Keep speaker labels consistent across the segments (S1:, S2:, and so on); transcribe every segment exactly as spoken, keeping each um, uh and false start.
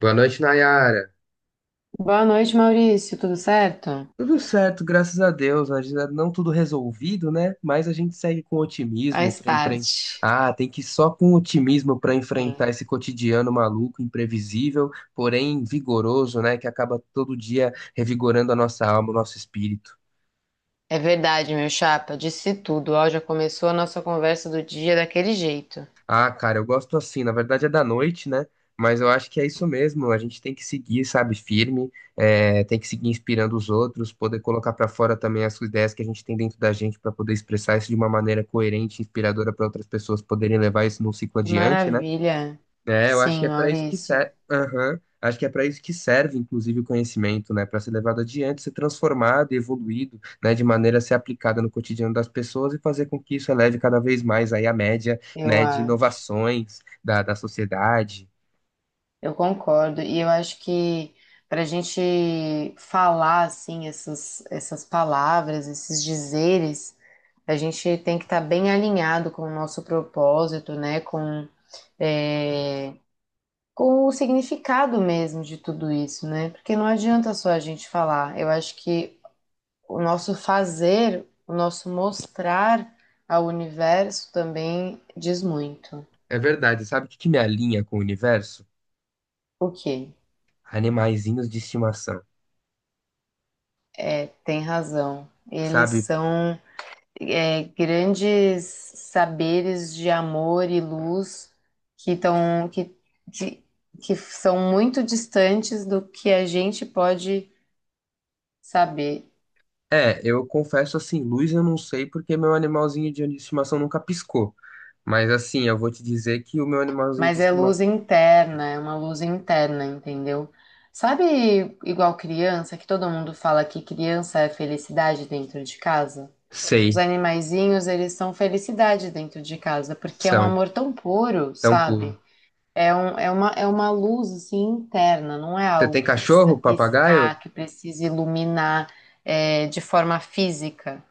S1: Boa noite, Nayara.
S2: Boa noite, Maurício. Tudo certo?
S1: Tudo certo, graças a Deus. Ainda não tudo resolvido, né? Mas a gente segue com otimismo
S2: Faz
S1: para enfrentar.
S2: parte.
S1: Ah, tem que ir só com otimismo para enfrentar
S2: Sim.
S1: esse cotidiano maluco, imprevisível, porém vigoroso, né? Que acaba todo dia revigorando a nossa alma, o nosso espírito.
S2: É verdade, meu chapa. Disse tudo. Ó, já começou a nossa conversa do dia daquele jeito.
S1: Ah, cara, eu gosto assim. Na verdade é da noite, né? Mas eu acho que é isso mesmo. A gente tem que seguir, sabe, firme, é, tem que seguir inspirando os outros, poder colocar pra fora também as ideias que a gente tem dentro da gente pra poder expressar isso de uma maneira coerente, inspiradora pra outras pessoas poderem levar isso num ciclo
S2: Que
S1: adiante, né?
S2: maravilha.
S1: É, eu acho que
S2: Sim,
S1: é para isso que
S2: Maurício.
S1: serve. Acho que é para isso que serve, inclusive, o conhecimento, né? Para ser levado adiante, ser transformado e evoluído, né? De maneira a ser aplicada no cotidiano das pessoas e fazer com que isso eleve cada vez mais aí a média,
S2: Eu
S1: né? De
S2: acho.
S1: inovações da, da sociedade.
S2: Eu concordo. E eu acho que para a gente falar assim essas, essas palavras, esses dizeres, a gente tem que estar bem alinhado com o nosso propósito, né? Com eh, com o significado mesmo de tudo isso, né? Porque não adianta só a gente falar. Eu acho que o nosso fazer, o nosso mostrar ao universo também diz muito.
S1: É verdade. Sabe o que que me alinha com o universo?
S2: O que?
S1: Animaizinhos de estimação,
S2: É, tem razão. Eles
S1: sabe?
S2: são é, grandes saberes de amor e luz que estão que, de- que são muito distantes do que a gente pode saber.
S1: É, eu confesso assim, luz eu não sei porque meu animalzinho de estimação nunca piscou. Mas assim, eu vou te dizer que o meu animalzinho de
S2: Mas é
S1: estimação.
S2: luz interna, é uma luz interna, entendeu? Sabe, igual criança, que todo mundo fala que criança é felicidade dentro de casa? Os
S1: Sei.
S2: animaizinhos, eles são felicidade dentro de casa, porque é um
S1: São.
S2: amor tão puro,
S1: Tão puro.
S2: sabe? É, um, é, uma, é uma luz, assim, interna, não é
S1: Você
S2: algo
S1: tem
S2: que precisa
S1: cachorro, papagaio?
S2: piscar, que precisa iluminar, é, de forma física.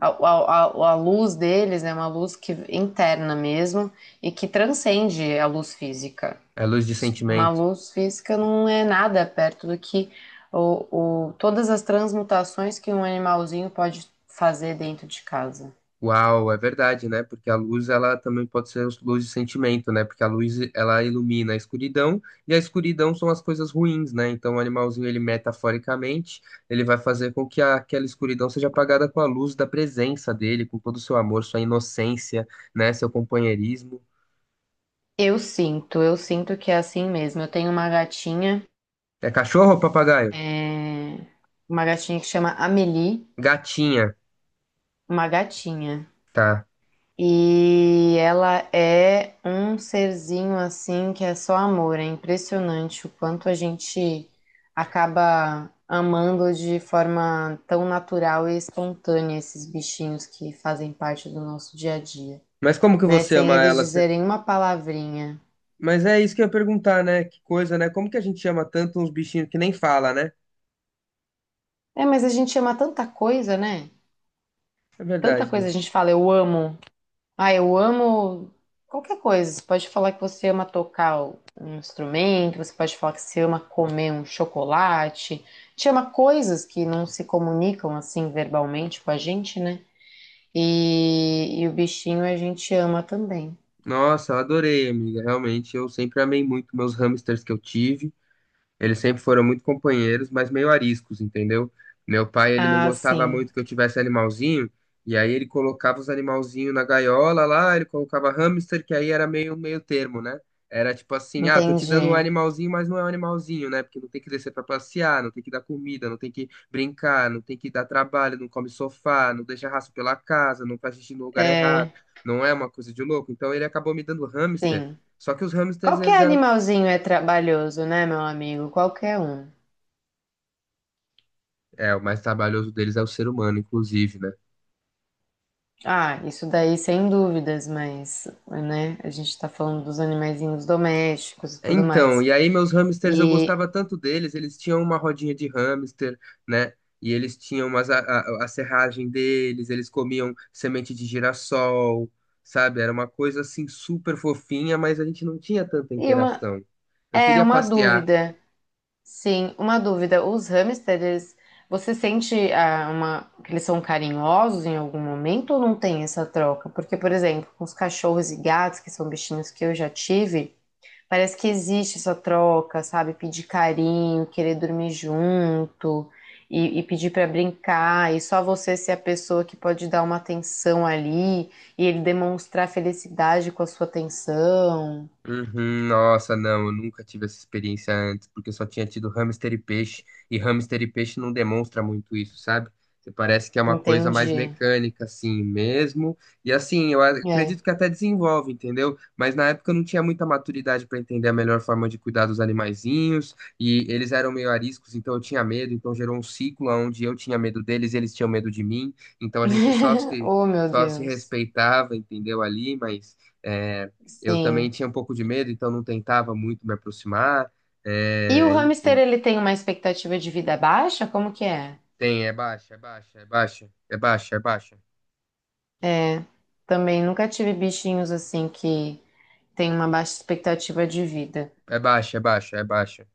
S2: A, a, a, a luz deles é uma luz que, interna mesmo e que transcende a luz física.
S1: É luz de
S2: Uma
S1: sentimento.
S2: luz física não é nada perto do que o, o- todas as transmutações que um animalzinho pode fazer dentro de casa.
S1: Uau, é verdade, né? Porque a luz, ela também pode ser luz de sentimento, né? Porque a luz, ela ilumina a escuridão, e a escuridão são as coisas ruins, né? Então o animalzinho, ele metaforicamente, ele vai fazer com que a- aquela escuridão seja apagada com a luz da presença dele, com todo o seu amor, sua inocência, né? Seu companheirismo.
S2: Eu sinto, eu sinto que é assim mesmo. Eu tenho uma gatinha,
S1: É cachorro ou papagaio?
S2: é, uma gatinha que chama Amélie,
S1: Gatinha,
S2: uma gatinha.
S1: tá.
S2: E ela é um serzinho assim que é só amor. É impressionante o quanto a gente acaba amando de forma tão natural e espontânea esses bichinhos que fazem parte do nosso dia a dia,
S1: Mas como que
S2: né?
S1: você
S2: Sem
S1: ama
S2: eles
S1: ela?
S2: dizerem uma palavrinha.
S1: Mas é isso que eu ia perguntar, né? Que coisa, né? Como que a gente chama tanto uns bichinhos que nem fala, né?
S2: É, mas a gente ama tanta coisa, né?
S1: É
S2: Tanta
S1: verdade,
S2: coisa
S1: né?
S2: a gente fala, eu amo. Ah, eu amo qualquer coisa. Você pode falar que você ama tocar um instrumento, você pode falar que você ama comer um chocolate. Te ama coisas que não se comunicam assim verbalmente com a gente, né? E, e o bichinho a gente ama também.
S1: Nossa, eu adorei, amiga. Realmente, eu sempre amei muito meus hamsters que eu tive. Eles sempre foram muito companheiros, mas meio ariscos, entendeu? Meu pai, ele não
S2: Ah,
S1: gostava
S2: sim.
S1: muito que eu tivesse animalzinho, e aí ele colocava os animalzinhos na gaiola lá, ele colocava hamster, que aí era meio meio termo, né? Era tipo assim, ah, tô te dando um
S2: Entendi.
S1: animalzinho, mas não é um animalzinho, né? Porque não tem que descer pra passear, não tem que dar comida, não tem que brincar, não tem que dar trabalho, não come sofá, não deixa rastro pela casa, não faz xixi no lugar errado,
S2: É,
S1: não é uma coisa de louco. Então ele acabou me dando hamster,
S2: sim.
S1: só que os hamsters,
S2: Qualquer
S1: eles eram.
S2: animalzinho é trabalhoso, né, meu amigo? Qualquer um.
S1: É, o mais trabalhoso deles é o ser humano, inclusive, né?
S2: Ah, isso daí sem dúvidas, mas, né, a gente tá falando dos animaizinhos domésticos e tudo
S1: Então,
S2: mais.
S1: e aí meus hamsters, eu
S2: E,
S1: gostava tanto deles, eles tinham uma rodinha de hamster, né? E eles tinham umas, a, a, a serragem deles, eles comiam semente de girassol, sabe? Era uma coisa assim super fofinha, mas a gente não tinha tanta
S2: e uma,
S1: interação. Eu
S2: é
S1: queria
S2: uma
S1: passear.
S2: dúvida, sim, uma dúvida. Os hamsters, você sente ah, uma, que eles são carinhosos em algum momento ou não tem essa troca? Porque, por exemplo, com os cachorros e gatos, que são bichinhos que eu já tive, parece que existe essa troca, sabe? Pedir carinho, querer dormir junto e, e pedir pra brincar, e só você ser a pessoa que pode dar uma atenção ali e ele demonstrar felicidade com a sua atenção.
S1: Uhum, nossa, não, eu nunca tive essa experiência antes, porque eu só tinha tido hamster e peixe, e hamster e peixe não demonstra muito isso, sabe? Você parece que é uma coisa mais
S2: Entendi.
S1: mecânica, assim mesmo. E assim, eu
S2: É.
S1: acredito que até desenvolve, entendeu? Mas na época eu não tinha muita maturidade para entender a melhor forma de cuidar dos animaizinhos, e eles eram meio ariscos, então eu tinha medo, então gerou um ciclo onde eu tinha medo deles, eles tinham medo de mim, então a gente só se,
S2: Oh, meu
S1: só se
S2: Deus.
S1: respeitava, entendeu? Ali, mas eh, eu também
S2: Sim.
S1: tinha um pouco de medo, então não tentava muito me aproximar.
S2: E o
S1: É,
S2: hamster,
S1: enfim.
S2: ele tem uma expectativa de vida baixa? Como que é?
S1: Tem, é baixa, é baixa, é baixa, é baixa, é baixa,
S2: É. Também nunca tive bichinhos assim que tem uma baixa expectativa de vida.
S1: é baixa, é baixa, é baixa,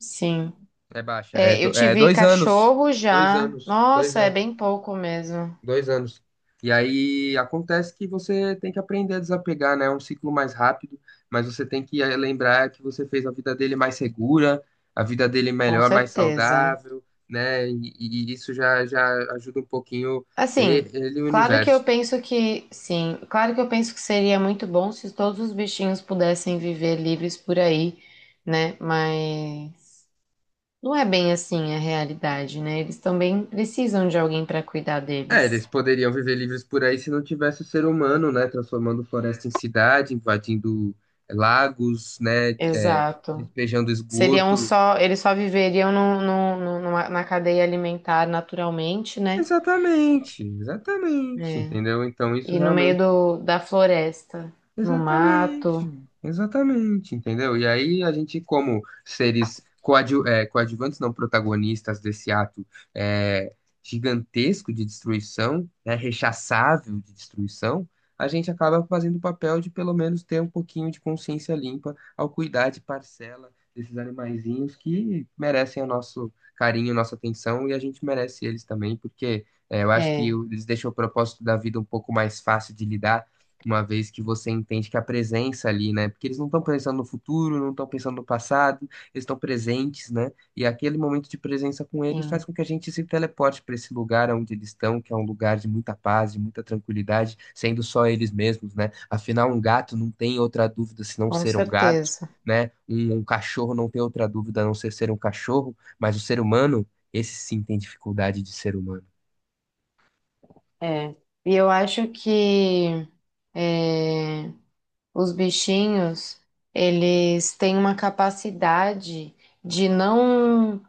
S2: Sim.
S1: é baixa. É,
S2: É, eu
S1: do- é
S2: tive
S1: dois anos,
S2: cachorro
S1: dois
S2: já.
S1: anos, dois
S2: Nossa, é
S1: anos,
S2: bem pouco mesmo.
S1: dois anos. E aí acontece que você tem que aprender a desapegar, né? É um ciclo mais rápido, mas você tem que eh, lembrar que você fez a vida dele mais segura, a vida dele
S2: Com
S1: melhor, mais
S2: certeza.
S1: saudável, né? E, e isso já, já ajuda um pouquinho e-
S2: Assim,
S1: ele e o
S2: claro que eu
S1: universo.
S2: penso que, sim, claro que eu penso que seria muito bom se todos os bichinhos pudessem viver livres por aí, né? Mas não é bem assim a realidade, né? Eles também precisam de alguém para cuidar
S1: É,
S2: deles.
S1: eles poderiam viver livres por aí se não tivesse o ser humano, né? Transformando floresta em cidade, invadindo eh, lagos, né? é,
S2: Exato.
S1: despejando
S2: Seriam
S1: esgoto.
S2: só, eles só viveriam no, no- no- numa- na cadeia alimentar naturalmente, né?
S1: Exatamente, exatamente,
S2: É.
S1: entendeu? Então isso
S2: E no meio
S1: realmente.
S2: do, da floresta, no mato.
S1: Exatamente, exatamente, entendeu? E aí a gente, como seres coadju é, coadjuvantes, não protagonistas desse ato é, gigantesco de destruição, né, rechaçável de destruição, a gente acaba fazendo o papel de pelo menos ter um pouquinho de consciência limpa ao cuidar de parcela desses animaizinhos que merecem o nosso carinho, nossa atenção, e a gente merece eles também, porque é, eu acho que
S2: É,
S1: eles deixam o propósito da vida um pouco mais fácil de lidar uma vez que você entende que a presença ali, né? Porque eles não estão pensando no futuro, não estão pensando no passado, eles estão presentes, né? E aquele momento de presença com eles faz
S2: sim,
S1: com que a gente se teleporte para esse lugar onde eles estão, que é um lugar de muita paz, de muita tranquilidade, sendo só eles mesmos, né? Afinal, um gato não tem outra dúvida senão
S2: com
S1: ser um gato,
S2: certeza.
S1: né? Um, um cachorro não tem outra dúvida a não ser ser um cachorro, mas o ser humano, esse sim tem dificuldade de ser humano.
S2: É. E eu acho que é, os bichinhos, eles têm uma capacidade de não.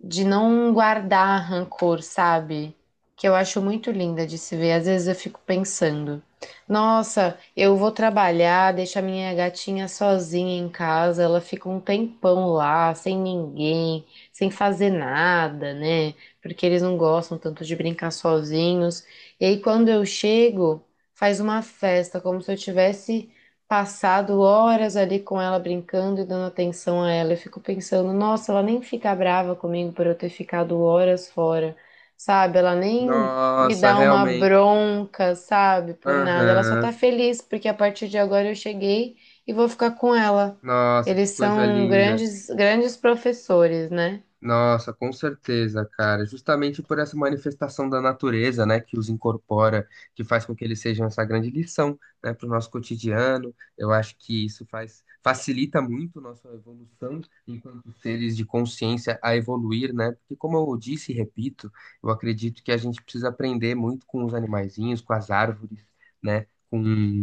S2: de não guardar rancor, sabe? Que eu acho muito linda de se ver. Às vezes eu fico pensando, nossa, eu vou trabalhar, deixo a minha gatinha sozinha em casa, ela fica um tempão lá, sem ninguém, sem fazer nada, né? Porque eles não gostam tanto de brincar sozinhos. E aí quando eu chego, faz uma festa, como se eu tivesse passado horas ali com ela brincando e dando atenção a ela. Eu fico pensando, nossa, ela nem fica brava comigo por eu ter ficado horas fora, sabe? Ela nem me
S1: Nossa,
S2: dá uma
S1: realmente.
S2: bronca, sabe? Por nada. Ela só
S1: Aham.
S2: tá feliz porque a partir de agora eu cheguei e vou ficar com ela.
S1: Nossa, que
S2: Eles
S1: coisa
S2: são
S1: linda.
S2: grandes, grandes professores, né?
S1: Nossa, com certeza, cara. Justamente por essa manifestação da natureza, né, que os incorpora, que faz com que eles sejam essa grande lição, né, para o nosso cotidiano. Eu acho que isso faz facilita muito nossa evolução enquanto seres de consciência a evoluir, né? Porque como eu disse e repito, eu acredito que a gente precisa aprender muito com os animaizinhos, com as árvores, né? Com,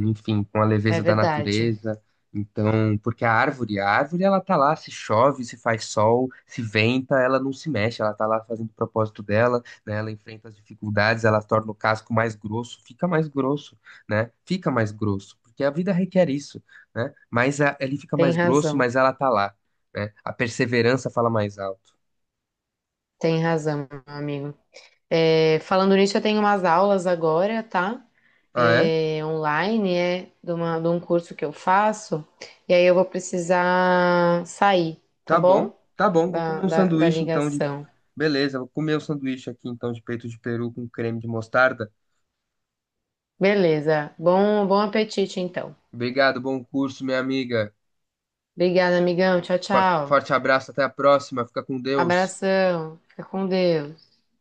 S1: enfim, com a
S2: É
S1: leveza da
S2: verdade.
S1: natureza então, porque a árvore, a árvore, ela tá lá, se chove, se faz sol, se venta, ela não se mexe, ela tá lá fazendo o propósito dela, né? Ela enfrenta as dificuldades, ela torna o casco mais grosso, fica mais grosso, né? Fica mais grosso, porque a vida requer isso, né? Mas a- ele fica
S2: Tem
S1: mais grosso,
S2: razão.
S1: mas ela tá lá, né? A perseverança fala mais alto.
S2: Tem razão, meu amigo. É, falando nisso, eu tenho umas aulas agora, tá?
S1: Ah, é?
S2: É, online, é de, uma- de um curso que eu faço, e aí eu vou precisar sair, tá
S1: Tá bom,
S2: bom?
S1: tá bom, vou
S2: Da,
S1: comer um
S2: da, da
S1: sanduíche então de...
S2: ligação.
S1: Beleza, vou comer um sanduíche aqui então de peito de peru com creme de mostarda.
S2: Beleza. Bom, bom apetite, então.
S1: Obrigado, bom curso, minha amiga.
S2: Obrigada, amigão. Tchau,
S1: Fa-
S2: tchau.
S1: Forte abraço, até a próxima. Fica com Deus.
S2: Abração. Fica com Deus.